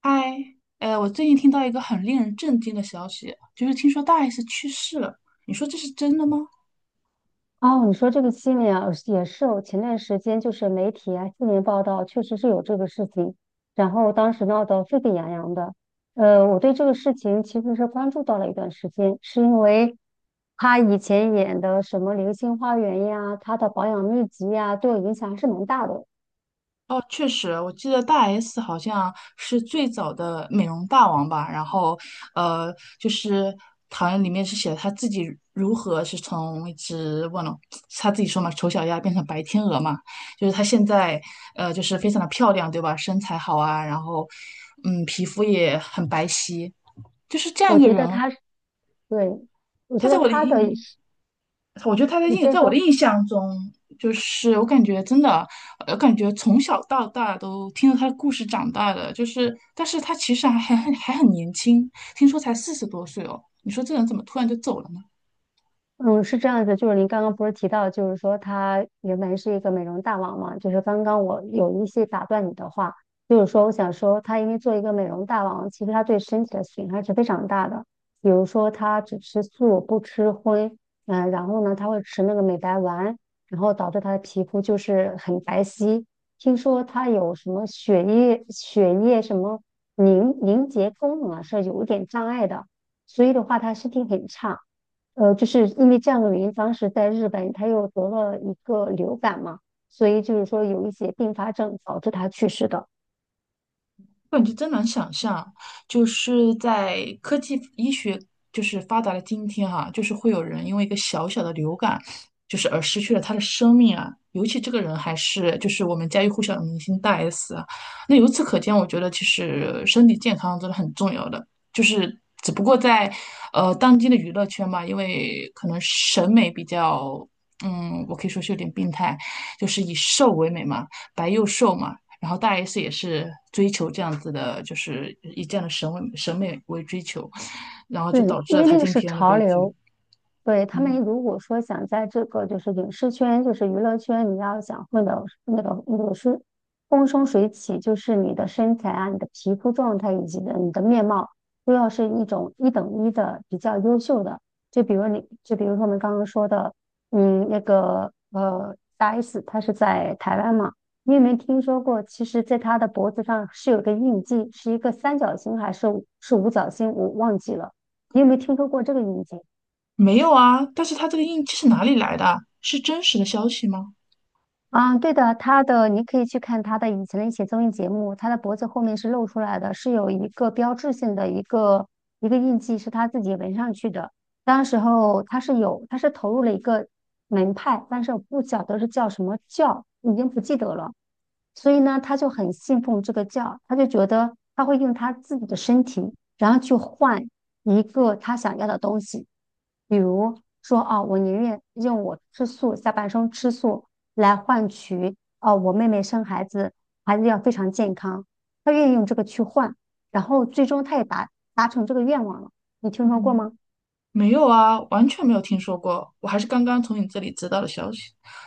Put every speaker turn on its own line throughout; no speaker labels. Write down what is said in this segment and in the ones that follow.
嗨，我最近听到一个很令人震惊的消息，就是听说大 S 去世了。你说这是真的吗？
哦，你说这个新闻啊，也是我前段时间媒体啊，新闻报道确实是有这个事情，然后当时闹得沸沸扬扬的。我对这个事情其实是关注到了一段时间，是因为他以前演的什么《流星花园》呀，他的保养秘籍呀，对我影响还是蛮大的。
哦，确实，我记得大 S 好像是最早的美容大王吧。然后，呃，就是好像里面是写了他自己如何是从一只忘了是他 自己说嘛，丑小鸭变成白天鹅嘛。就是她现在，就是非常的漂亮，对吧？身材好啊，然后，嗯，皮肤也很白皙，就是这样
我
一个
觉得
人。
他是，对，我
他
觉
在
得
我的
他的，
印我觉得他的
你
印，
先
在我的
说。
印象中，就是我感觉真的，我感觉从小到大都听着他的故事长大的，就是，但是他其实还很年轻，听说才四十多岁哦。你说这人怎么突然就走了呢？
嗯，是这样子，就是您刚刚不是提到，就是说他原本是一个美容大王嘛，就是刚刚我有一些打断你的话，就是说我想说，他因为做一个美容大王，其实他对身体的损害是非常大的。比如说他只吃素不吃荤，嗯、然后呢他会吃那个美白丸，然后导致他的皮肤就是很白皙。听说他有什么血液什么凝结功能啊是有一点障碍的，所以的话他身体很差。就是因为这样的原因，当时在日本他又得了一个流感嘛，所以就是说有一些并发症导致他去世的。
我感觉真难想象，就是在科技医学就是发达的今天哈、就是会有人因为一个小小的流感，就是而失去了他的生命啊。尤其这个人还是就是我们家喻户晓的明星大 S 啊。那由此可见，我觉得其实身体健康真的很重要的，就是只不过在当今的娱乐圈嘛，因为可能审美比较，嗯，我可以说是有点病态，就是以瘦为美嘛，白又瘦嘛。然后大 S 也是追求这样子的，就是以这样的审美为追求，然后
对，
就导致
因
了
为
她
那个
今
是
天的
潮
悲剧。
流，对，他们
嗯，
如果说想在这个就是影视圈，就是娱乐圈，你要想混的那个是风生水起，就是你的身材啊、你的皮肤状态以及的你的面貌，都要是一种一等一的比较优秀的。就比如你，就比如说我们刚刚说的，嗯，那个大 S，她是在台湾嘛，你有没有听说过？其实，在她的脖子上是有个印记，是一个三角形还是是五角星，我忘记了。你有没有听说过这个印记？
没有啊，但是她这个印记是哪里来的啊？是真实的消息吗？
啊，对的，他的你可以去看他的以前的一些综艺节目，他的脖子后面是露出来的，是有一个标志性的一个印记，是他自己纹上去的。当时候他是有，他是投入了一个门派，但是我不晓得是叫什么教，已经不记得了。所以呢，他就很信奉这个教，他就觉得他会用他自己的身体，然后去换一个他想要的东西，比如说啊，我宁愿用我吃素，下半生吃素。来换取哦，我妹妹生孩子，孩子要非常健康，她愿意用这个去换，然后最终她也达成这个愿望了。你听说过
嗯。
吗？
没有啊，完全没有听说过，我还是刚刚从你这里知道的消息。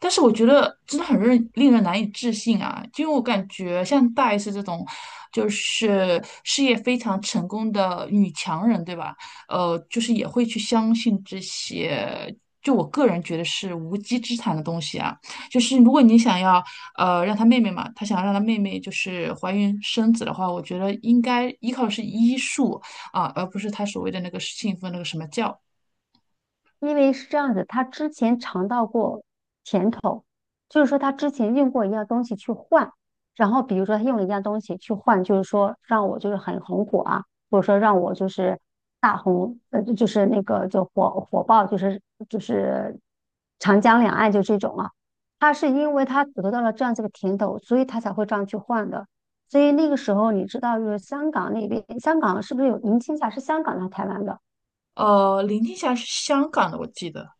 但是我觉得真的很令人难以置信啊，就因为我感觉像大 S 这种，就是事业非常成功的女强人，对吧？就是也会去相信这些，就我个人觉得是无稽之谈的东西啊。就是如果你想要，让她妹妹嘛，她想要让她妹妹就是怀孕生子的话，我觉得应该依靠的是医术，啊，而不是他所谓的那个信奉那个什么教。
因为是这样子，他之前尝到过甜头，就是说他之前用过一样东西去换，然后比如说他用了一样东西去换，就是说让我就是很红火啊，或者说让我就是大红，就是那个就火爆，就是长江两岸就这种啊。他是因为他得到了这样子的甜头，所以他才会这样去换的。所以那个时候你知道，就是香港那边，香港是不是有银青霞？是香港来台湾的？
林青霞是香港的，我记得。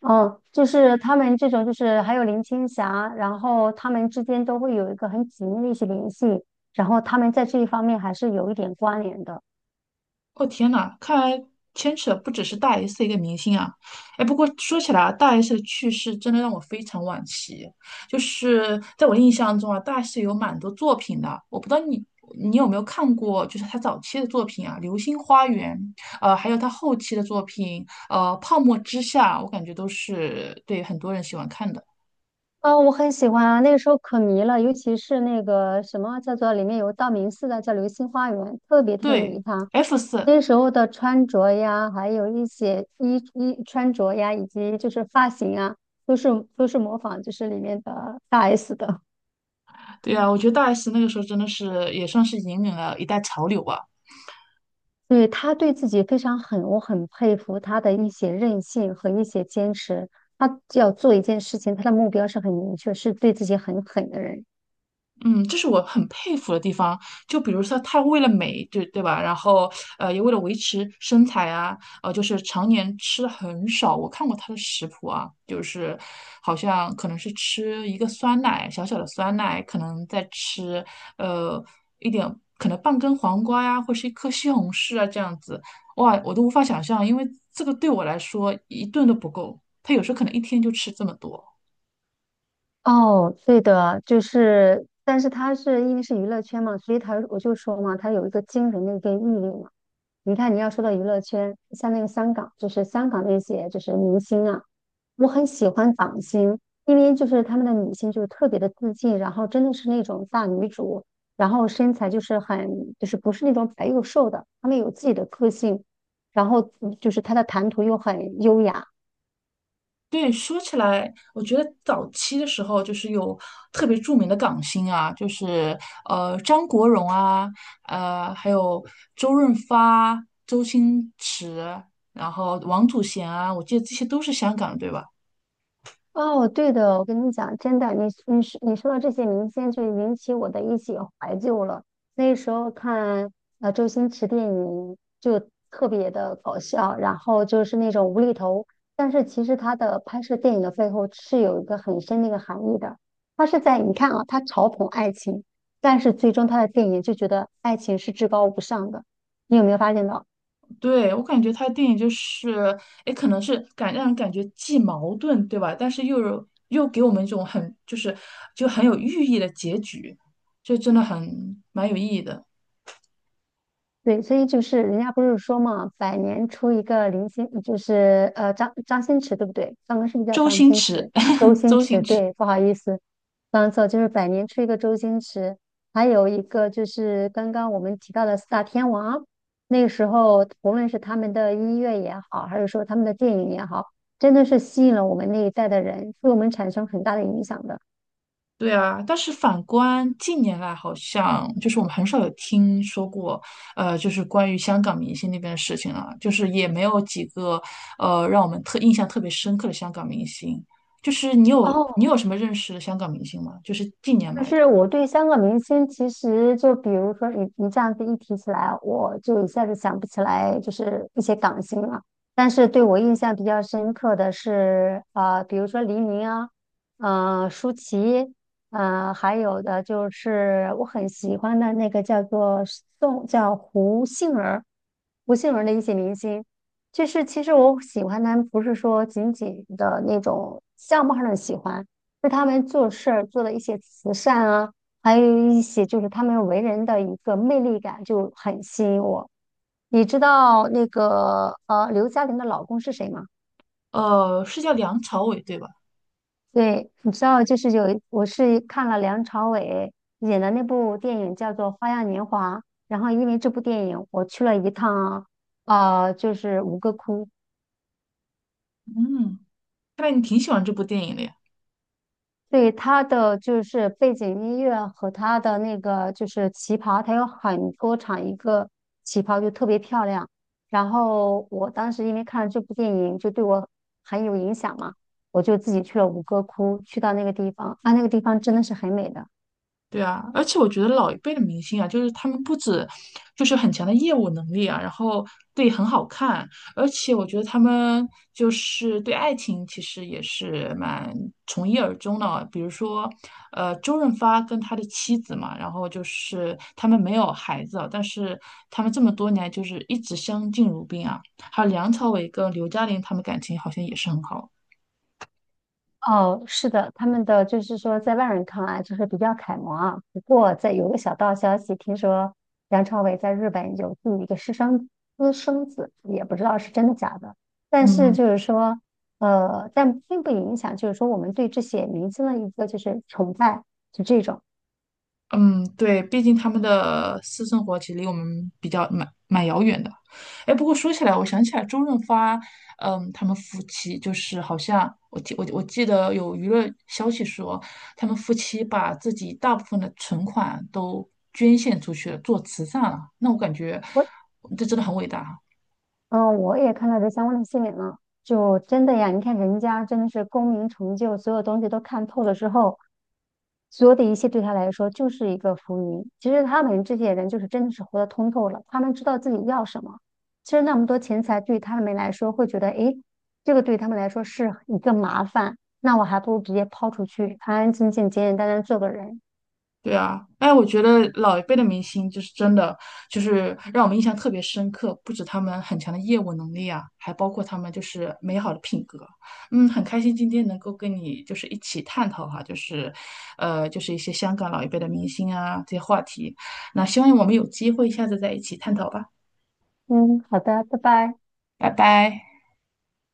哦，就是他们这种，就是还有林青霞，然后他们之间都会有一个很紧密的一些联系，然后他们在这一方面还是有一点关联的。
哦天呐，看来牵扯不只是大 S 的一个明星啊。哎，不过说起来啊，大 S 的去世真的让我非常惋惜。就是在我印象中啊，大 S 有蛮多作品的，我不知道你有没有看过，就是她早期的作品啊，《流星花园》，还有她后期的作品，《泡沫之夏》，我感觉都是对很多人喜欢看的。
啊，我很喜欢啊，那个时候可迷了，尤其是那个什么叫做里面有道明寺的叫流星花园，特别特别迷
对
他。
，F4。
那时候的穿着呀，还有一些穿着呀，以及就是发型啊，都是都是模仿就是里面的大 S 的。
对啊，我觉得大 S 那个时候真的是也算是引领了一代潮流吧。
对，他对自己非常狠，我很佩服他的一些韧性和一些坚持。他要做一件事情，他的目标是很明确，是对自己很狠的人。
嗯，这是我很佩服的地方。就比如说，她为了美，对对吧？然后，也为了维持身材啊，就是常年吃的很少。我看过她的食谱啊，就是好像可能是吃一个酸奶，小小的酸奶，可能再吃呃一点，可能半根黄瓜呀，或是一颗西红柿啊，这样子。哇，我都无法想象，因为这个对我来说一顿都不够。她有时候可能一天就吃这么多。
哦，对的，就是，但是他是因为是娱乐圈嘛，所以他我就说嘛，他有一个惊人的一个毅力嘛。你看，你要说到娱乐圈，像那个香港，就是香港那些就是明星啊，我很喜欢港星，因为就是他们的女性就是特别的自信，然后真的是那种大女主，然后身材就是很不是那种白又瘦的，她们有自己的个性，然后就是她的谈吐又很优雅。
对，说起来，我觉得早期的时候就是有特别著名的港星啊，就是张国荣啊，呃还有周润发、周星驰，然后王祖贤啊，我记得这些都是香港的，对吧？
哦，对的，我跟你讲，真的，你说说到这些明星，就引起我的一些怀旧了。那时候看周星驰电影就特别的搞笑，然后就是那种无厘头，但是其实他的拍摄电影的背后是有一个很深的一个含义的。他是在你看啊，他嘲讽爱情，但是最终他的电影就觉得爱情是至高无上的，你有没有发现到？
对，我感觉他的电影就是，哎，可能是让人感觉既矛盾，对吧？但是又给我们一种很就是就很有寓意的结局，就真的很蛮有意义的。
对，所以就是人家不是说嘛，百年出一个林心，就是张新驰，对不对？刚刚是不是叫
周
张
星
新
驰，
驰？周 星
周星
驰，
驰，
对，不好意思，刚错，就是百年出一个周星驰，还有一个就是刚刚我们提到的四大天王，那个时候无论是他们的音乐也好，还是说他们的电影也好，真的是吸引了我们那一代的人，对我们产生很大的影响的。
对啊，但是反观近年来，好像就是我们很少有听说过，就是关于香港明星那边的事情了，就是也没有几个，让我们特印象特别深刻的香港明星。就是你有你
哦，
有什么认识的香港明星吗？就是近年
就
来的，
是我对香港明星，其实就比如说你这样子一提起来，我就一下子想不起来，就是一些港星了。但是对我印象比较深刻的是，比如说黎明啊，呃，舒淇，呃，还有的就是我很喜欢的那个叫做叫胡杏儿，胡杏儿的一些明星。就是其实我喜欢他们，不是说仅仅的那种相貌上的喜欢。是他们做事儿做的一些慈善啊，还有一些就是他们为人的一个魅力感就很吸引我。你知道那个刘嘉玲的老公是谁吗？
是叫梁朝伟对吧？
对，你知道就是我是看了梁朝伟演的那部电影叫做《花样年华》，然后因为这部电影我去了一趟啊，就是吴哥窟，
嗯，看来你挺喜欢这部电影的呀。
对他的就是背景音乐和他的那个就是旗袍，他有很多场一个旗袍就特别漂亮。然后我当时因为看了这部电影，就对我很有影响嘛，我就自己去了吴哥窟，去到那个地方啊，那个地方真的是很美的。
对啊，而且我觉得老一辈的明星啊，就是他们不止就是很强的业务能力啊，然后对很好看，而且我觉得他们就是对爱情其实也是蛮从一而终的啊。比如说，周润发跟他的妻子嘛，然后就是他们没有孩子啊，但是他们这么多年来就是一直相敬如宾啊。还有梁朝伟跟刘嘉玲，他们感情好像也是很好。
哦，是的，他们的就是说，在外人看来就是比较楷模啊。不过，在有个小道消息，听说梁朝伟在日本有自己一个私生子，也不知道是真的假的。但是
嗯。
就是说，但并不影响，就是说我们对这些明星的一个就是崇拜，就这种。
嗯，对，毕竟他们的私生活其实离我们比较蛮遥远的。哎，不过说起来，我想起来周润发，嗯，他们夫妻就是好像我记得有娱乐消息说，他们夫妻把自己大部分的存款都捐献出去了，做慈善了。那我感觉这真的很伟大。
嗯，我也看到这相关的新闻了，就真的呀，你看人家真的是功名成就，所有东西都看透了之后，所有的一切对他来说就是一个浮云。其实他们这些人就是真的是活得通透了，他们知道自己要什么。其实那么多钱财对他们来说会觉得，诶，这个对他们来说是一个麻烦，那我还不如直接抛出去，安安静静、简简单单做个人。
对啊，哎，我觉得老一辈的明星就是真的，就是让我们印象特别深刻。不止他们很强的业务能力啊，还包括他们就是美好的品格。嗯，很开心今天能够跟你就是一起探讨哈，就是，就是一些香港老一辈的明星啊这些话题。那希望我们有机会下次再一起探讨吧，
嗯，好的，拜拜。
拜拜。